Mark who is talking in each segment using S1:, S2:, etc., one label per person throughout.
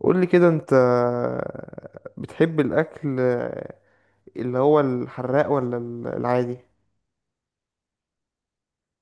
S1: قول لي كده انت بتحب الاكل اللي هو الحراق ولا العادي؟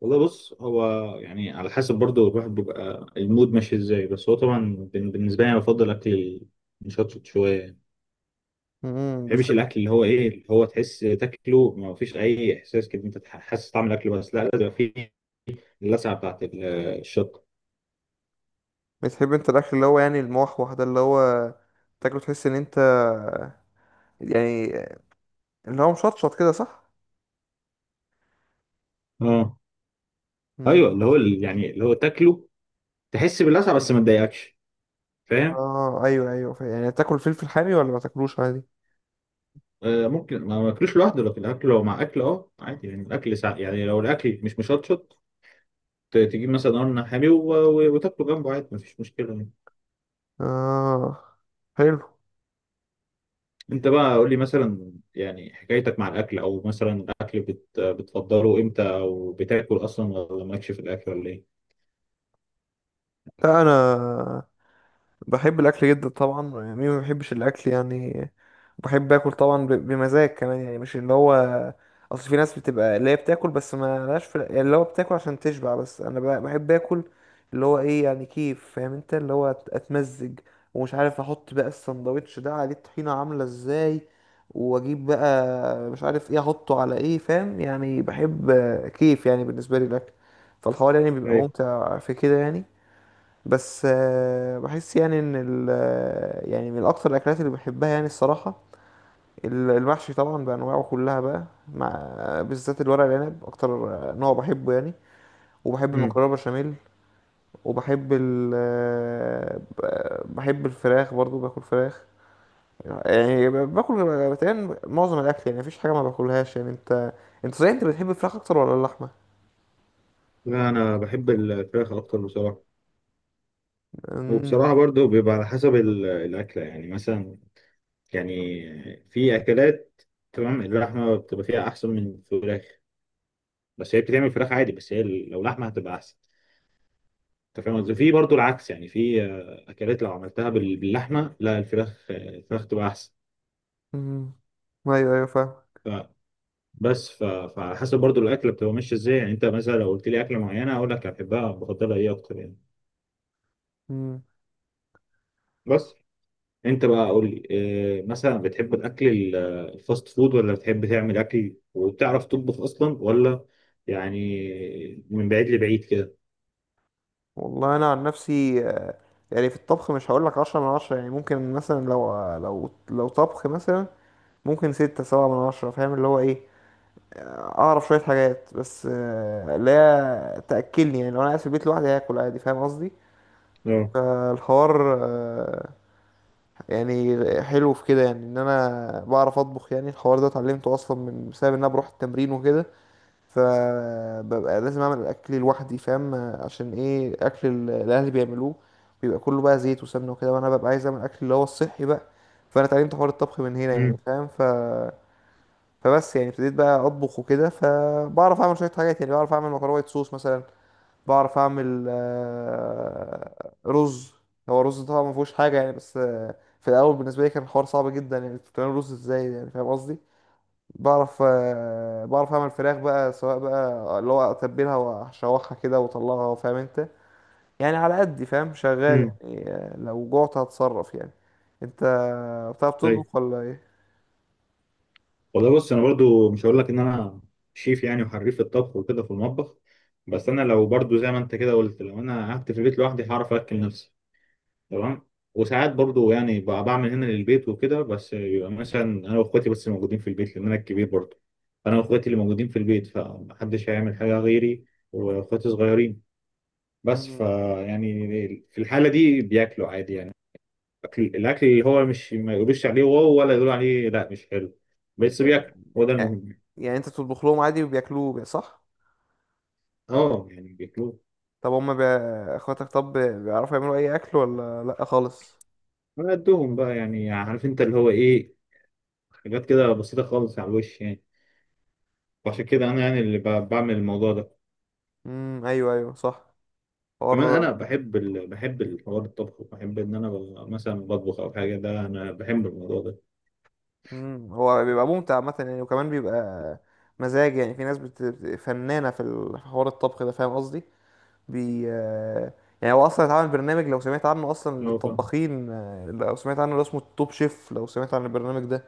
S2: والله بص، هو يعني على حسب، برضه الواحد بيبقى المود ماشي ازاي. بس هو طبعا بالنسبه لي انا بفضل اكل مشطشط شويه. ما
S1: امم
S2: بحبش
S1: بتحب
S2: الاكل اللي هو ايه، اللي هو تحس تاكله ما فيش اي احساس كده، انت حاسس طعم الاكل، بس لا، لازم يبقى فيه اللسعه بتاعت الشطه.
S1: بتحب انت الاكل اللي هو يعني الموحوح ده، اللي هو تاكله تحس ان انت يعني اللي هو مشطشط كده، صح؟
S2: اه ايوه، اللي
S1: امم
S2: هو يعني اللي هو تاكله تحس باللسعه بس ما تضايقكش. فاهم؟
S1: اه، ايوه، ايوه، يعني تاكل فلفل حامي ولا ما تاكلوش عادي؟
S2: آه ممكن ما اكلوش لوحده، لكن اكله لو مع اكل اه عادي، يعني الاكل ساعة يعني لو الاكل مش مشطشط، تجيب مثلا قرن حامي وتاكله جنبه عادي، مفيش مشكله يعني.
S1: اه، حلو.
S2: انت بقى قول لي مثلا، يعني حكايتك مع الاكل، او مثلا الاكل بتفضله امتى، او بتاكل اصلا ولا مالكش في الاكل، ولا ايه؟
S1: لا انا بحب الاكل جدا طبعا، يعني مين ما بيحبش الاكل يعني؟ بحب اكل طبعا، بمزاج كمان، يعني مش اللي هو، اصل في ناس بتبقى اللي هي بتاكل بس ما لهاش في، يعني اللي هو بتاكل عشان تشبع، بس انا بحب اكل اللي هو ايه، يعني كيف فاهم انت؟ اللي هو اتمزج، ومش عارف احط بقى السندوتش ده عليه الطحينة عاملة ازاي، واجيب بقى مش عارف ايه احطه على ايه، فاهم يعني؟ بحب كيف يعني بالنسبة لي الاكل، فالحوار يعني بيبقى
S2: ايوه.
S1: ممتع في كده يعني. بس بحس يعني ان ال آه، يعني من اكتر الاكلات اللي بحبها يعني الصراحه، المحشي طبعا بانواعه كلها، بقى مع بالذات الورق العنب اكتر، نوع بحبه يعني. وبحب
S2: امم.
S1: المكرونه بشاميل، وبحب ال آه، بحب الفراخ برضو، باكل فراخ يعني، باكل، بتهيألي معظم الاكل، يعني مفيش حاجه ما باكلهاش يعني. انت صحيح انت بتحب الفراخ اكتر ولا اللحمه؟
S2: لا انا بحب الفراخ اكتر بصراحه.
S1: امم
S2: وبصراحه برضو بيبقى على حسب الاكله، يعني مثلا، يعني في اكلات تمام اللحمه بتبقى فيها احسن من الفراخ. بس هي بتتعمل فراخ عادي، بس هي لو لحمه هتبقى احسن. انت فاهم قصدي؟ في برضو العكس، يعني في اكلات لو عملتها باللحمه، لا، الفراخ تبقى احسن.
S1: أمم. ايوه، ايوه، فاهم.
S2: بس فعلى حسب برضو الاكله بتبقى ماشيه ازاي. يعني انت مثلا لو قلت لي اكله معينه اقول لك بحبها، بفضلها ايه اكتر يعني.
S1: أمم.
S2: بس انت بقى قول لي إيه، مثلا بتحب الاكل الفاست فود، ولا بتحب تعمل اكل وبتعرف تطبخ اصلا، ولا يعني من بعيد لبعيد كده؟
S1: والله انا عن نفسي يعني في الطبخ مش هقولك 10 من 10، يعني ممكن مثلا لو طبخ مثلا، ممكن 6 7 من 10، فاهم اللي هو ايه؟ اعرف شوية حاجات، بس لا تأكلني، يعني لو انا قاعد في البيت لوحدي هاكل عادي، فاهم قصدي؟
S2: اه.
S1: فالحوار يعني حلو في كده، يعني ان انا بعرف اطبخ، يعني الحوار ده اتعلمته اصلا من بسبب ان انا بروح التمرين وكده، فببقى لازم اعمل اكلي لوحدي، فاهم؟ عشان ايه اكل الاهل بيعملوه بيبقى كله بقى زيت وسمنه وكده، وانا ببقى عايز اعمل اكل اللي هو الصحي بقى. فانا اتعلمت حوار الطبخ من هنا يعني،
S2: امم.
S1: فاهم. فبس يعني ابتديت بقى اطبخ وكده، فبعرف اعمل شويه حاجات يعني، بعرف اعمل مكرونه وايت صوص مثلا، بعرف اعمل رز. هو الرز طبعا ما فيهوش حاجه يعني، بس في الاول بالنسبه لي كان الحوار صعب جدا، يعني بتعمل رز ازاي يعني، فاهم قصدي؟ بعرف اعمل فراخ بقى، سواء بقى اللي هو اتبلها واشوحها كده واطلعها، فاهم انت؟ يعني على قد فاهم شغال
S2: امم.
S1: يعني، لو جوعت هتصرف يعني. انت بتعرف تطبخ
S2: طيب.
S1: ولا ايه؟
S2: والله بص، انا برضو مش هقول لك ان انا شيف يعني وحريف في الطبخ وكده في المطبخ. بس انا لو برضو زي ما انت كده قلت، لو انا قعدت في البيت لوحدي هعرف اكل نفسي، تمام. وساعات برضو يعني بعمل هنا للبيت وكده، بس بيبقى مثلا انا واخواتي بس اللي موجودين في البيت، لان انا الكبير برضو. انا واخواتي اللي موجودين في البيت فمحدش هيعمل حاجه غيري، واخواتي صغيرين. بس
S1: مم.
S2: يعني في الحاله دي بياكلوا عادي يعني. الاكل اللي هو مش، ما يقولوش عليه واو ولا يقولوا عليه لا مش حلو، بس بياكل، هو ده
S1: يعني
S2: المهم.
S1: يعني انت بتطبخ لهم عادي وبياكلوه صح؟
S2: اه يعني بياكلوه.
S1: طب هم اخواتك، طب بيعرفوا يعملوا اي اكل ولا لا خالص؟
S2: على قدهم بقى يعني، عارف انت اللي هو ايه، حاجات كده بسيطه خالص على الوش يعني. وعشان كده انا يعني اللي بعمل الموضوع ده.
S1: ايوه، ايوه، صح،
S2: كمان
S1: حوار.
S2: انا بحب الحوار الطبخ، وبحب ان انا مثلا بطبخ او حاجه، ده انا بحب الموضوع ده.
S1: هو بيبقى ممتع عامه يعني، وكمان بيبقى مزاج، يعني في ناس فنانه في في حوار الطبخ ده، فاهم قصدي؟ بي آه، يعني هو اصلا اتعمل برنامج، لو سمعت عنه اصلا
S2: اه فاهم.
S1: للطباخين، لو سمعت عنه، اللي اسمه التوب شيف، لو سمعت عن البرنامج ده؟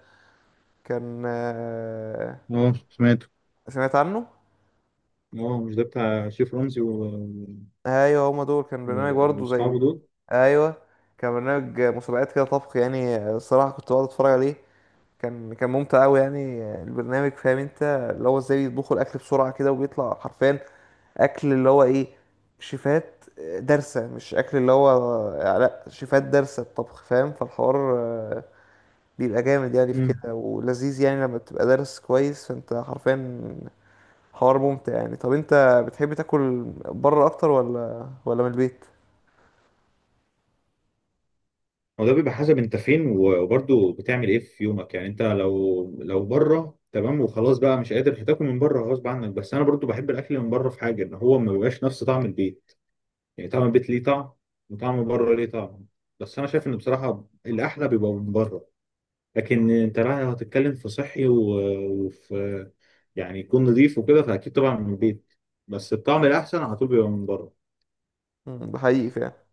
S1: كان
S2: اه سمعته.
S1: سمعت عنه،
S2: اه مش ده بتاع شيف رمزي
S1: ايوه، هما دول كان
S2: و...
S1: برنامج برضه زي،
S2: واصحابه دول.
S1: ايوه، كان برنامج مسابقات كده طبخ يعني، الصراحه كنت بقعد اتفرج عليه، كان ممتع قوي يعني، البرنامج، فاهم انت؟ اللي هو ازاي بيطبخوا الاكل بسرعه كده، وبيطلع حرفيا اكل اللي هو ايه، شيفات دارسة، مش اكل اللي هو لا، شيفات دارسة الطبخ، فاهم؟ فالحوار بيبقى جامد يعني في
S2: امم،
S1: كده، ولذيذ يعني، لما بتبقى دارس كويس، فانت حرفيا حوار ممتع يعني. طب انت بتحب تاكل بره اكتر، ولا من البيت؟
S2: هو ده بيبقى حسب انت فين، وبرضه بتعمل ايه في يومك يعني. انت لو بره تمام وخلاص بقى مش قادر، هتاكل من بره غصب عنك. بس انا برضه بحب الاكل من بره، في حاجه ان هو ما بيبقاش نفس طعم البيت. يعني طعم البيت ليه طعم، وطعم بره ليه طعم. بس انا شايف ان بصراحه الاحلى بيبقى من بره. لكن انت رايح، لو هتتكلم في صحي وفي، يعني يكون نظيف وكده، فاكيد طبعا من البيت. بس الطعم الاحسن على طول بيبقى من بره.
S1: مم. ده حقيقي فعلا.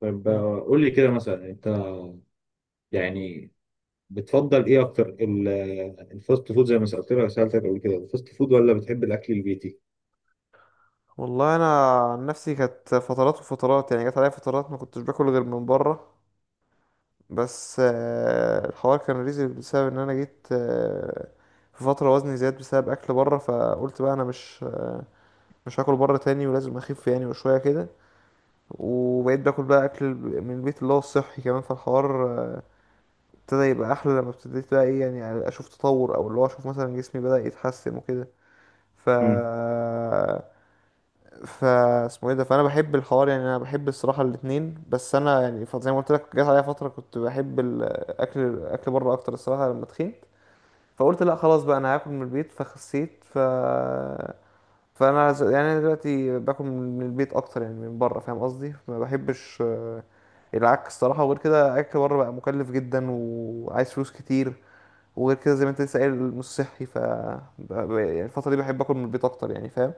S2: طب
S1: مم.
S2: قول لي كده مثلا، انت يعني بتفضل ايه اكتر، الفاست فود زي ما سالتك قبل كده، الفاست فود ولا بتحب الاكل البيتي؟
S1: والله انا عن نفسي كانت فترات وفترات، يعني جت عليا فترات ما كنتش باكل غير من بره، بس الحوار كان ريزي بسبب ان انا جيت في فترة وزني زاد بسبب اكل بره، فقلت بقى انا مش هاكل بره تاني، ولازم اخف يعني، وشوية كده، وبقيت باكل بقى اكل من البيت اللي هو الصحي كمان. فالحوار ابتدى يبقى احلى، لما ابتديت بقى ايه يعني اشوف تطور، او اللي هو اشوف مثلا جسمي بدأ يتحسن وكده. ف
S2: امم.
S1: ف اسمه ايه ده، فانا بحب الحوار يعني، انا بحب الصراحه الاتنين، بس انا يعني زي ما قلت لك جت عليا فتره كنت بحب الاكل اكل بره اكتر الصراحه، لما تخنت فقلت لا خلاص بقى انا هاكل من البيت، فخسيت. فانا يعني أنا دلوقتي باكل من البيت اكتر يعني من بره، فاهم قصدي؟ ما بحبش العك الصراحه، وغير كده اكل بره بقى مكلف جدا وعايز فلوس كتير، وغير كده زي ما انت لسه قايل مش صحي، يعني الفتره دي بحب اكل من البيت اكتر يعني، فاهم؟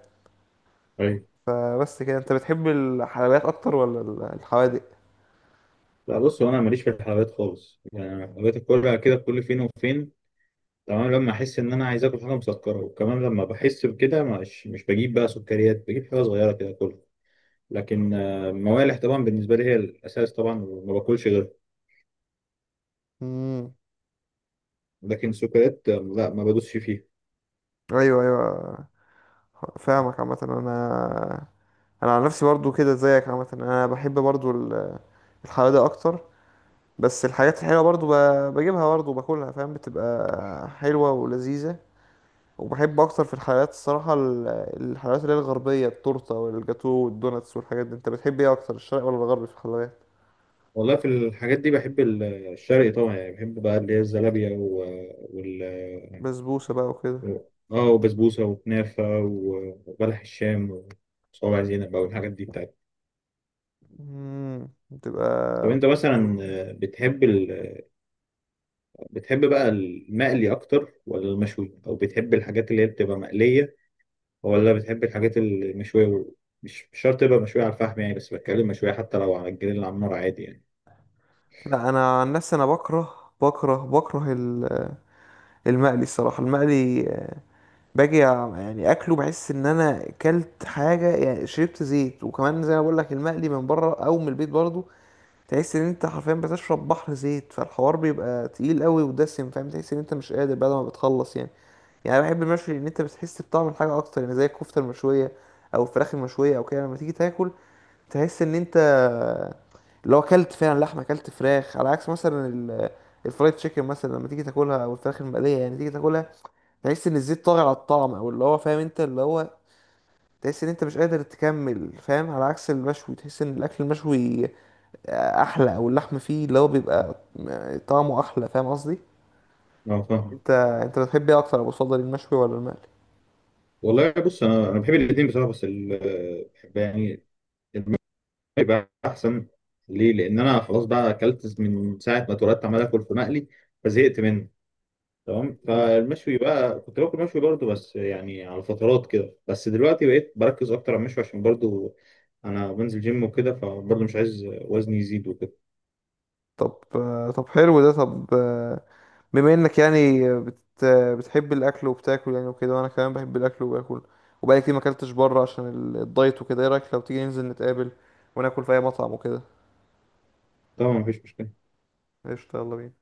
S2: ايوه.
S1: فبس كده، انت بتحب الحلويات اكتر ولا الحوادق؟
S2: لا بص، هو انا ماليش في الحلويات خالص يعني. أنا الحلويات كلها كده كل فين وفين تمام. لما احس ان انا عايز اكل حاجه مسكره، وكمان لما بحس بكده، مش بجيب بقى سكريات، بجيب حاجه صغيره كده كلها. لكن موالح طبعا، بالنسبه لي هي الاساس طبعا وما باكلش غيره.
S1: امم
S2: لكن سكريات لا، ما بدوسش فيها.
S1: ايوه، ايوه، فاهمك عامه. انا عن نفسي برضو كده زيك عامه، انا بحب برضو الحوادق اكتر، بس الحاجات الحلوه برضو بجيبها برضو وباكلها، فاهم؟ بتبقى حلوه ولذيذه. وبحب اكتر في الحلويات الصراحه الحلويات اللي هي الغربيه، التورته والجاتو والدوناتس والحاجات دي. انت بتحب ايه اكتر، الشرق ولا الغرب في الحلويات؟
S2: والله، في الحاجات دي بحب الشرقي طبعا، يعني بحب بقى اللي هي الزلابيه و... آه، وال
S1: بسبوسه بقى وكده.
S2: و- اه وبسبوسه وكنافه وبلح الشام وصوابع زينب بقى، والحاجات دي بتاعتي.
S1: امم
S2: طب
S1: بتبقى
S2: انت
S1: بتبقى
S2: مثلا
S1: حلوة.
S2: بتحب بقى المقلي اكتر ولا المشوي، او بتحب الحاجات اللي هي بتبقى مقليه، ولا بتحب الحاجات المشوية؟ مش شرط تبقى مشوية على الفحم يعني، بس بتكلم مشوية، حتى لو على الجريل على النار عادي يعني.
S1: لا انا عن نفسي انا بكره المقلي الصراحه. المقلي باجي يعني اكله بحس ان انا اكلت حاجه يعني، شربت زيت، وكمان زي ما بقول لك المقلي من بره او من البيت برضو، تحس ان انت حرفيا بتشرب بحر زيت، فالحوار بيبقى تقيل قوي ودسم، فاهم؟ تحس ان انت مش قادر بعد ما بتخلص يعني. يعني انا بحب المشوي، ان انت بتحس بطعم الحاجه اكتر يعني، زي الكفته المشويه، او الفراخ المشويه، او كده لما تيجي تاكل تحس ان انت اللي هو اكلت فعلا لحمه، اكلت فراخ، على عكس مثلا الفرايد تشيكن مثلا لما تيجي تاكلها او الفراخ المقليه، يعني تيجي تاكلها تحس ان الزيت طاغي على الطعم، او اللي هو فاهم انت اللي هو تحس ان انت مش قادر تكمل، فاهم؟ على عكس المشوي تحس ان الاكل المشوي احلى، او اللحم فيه اللي هو بيبقى طعمه احلى، فاهم قصدي؟
S2: اه فاهم.
S1: انت بتحب ايه اكتر، ابو صدر المشوي ولا المقلي؟
S2: والله بص، انا بحب الاثنين بصراحة، بس بحب يعني يبقى احسن. ليه؟ لان انا خلاص بقى اكلت من ساعة ما اتولدت عمال اكل في مقلي، فزهقت منه تمام.
S1: مم.
S2: فالمشوي بقى كنت باكل مشوي برضه، بس يعني على فترات كده. بس دلوقتي بقيت بركز اكتر على المشوي عشان برضه انا بنزل جيم وكده، فبرضه مش عايز وزني يزيد وكده.
S1: طب طب حلو ده، طب بما انك يعني بتحب الاكل وبتاكل يعني وكده، وانا كمان بحب الاكل وباكل، وبقالي كتير ما اكلتش بره عشان الدايت وكده، ايه رايك لو تيجي ننزل نتقابل وناكل في اي مطعم وكده؟
S2: طبعا مفيش مشكلة.
S1: قشطة، يلا بينا.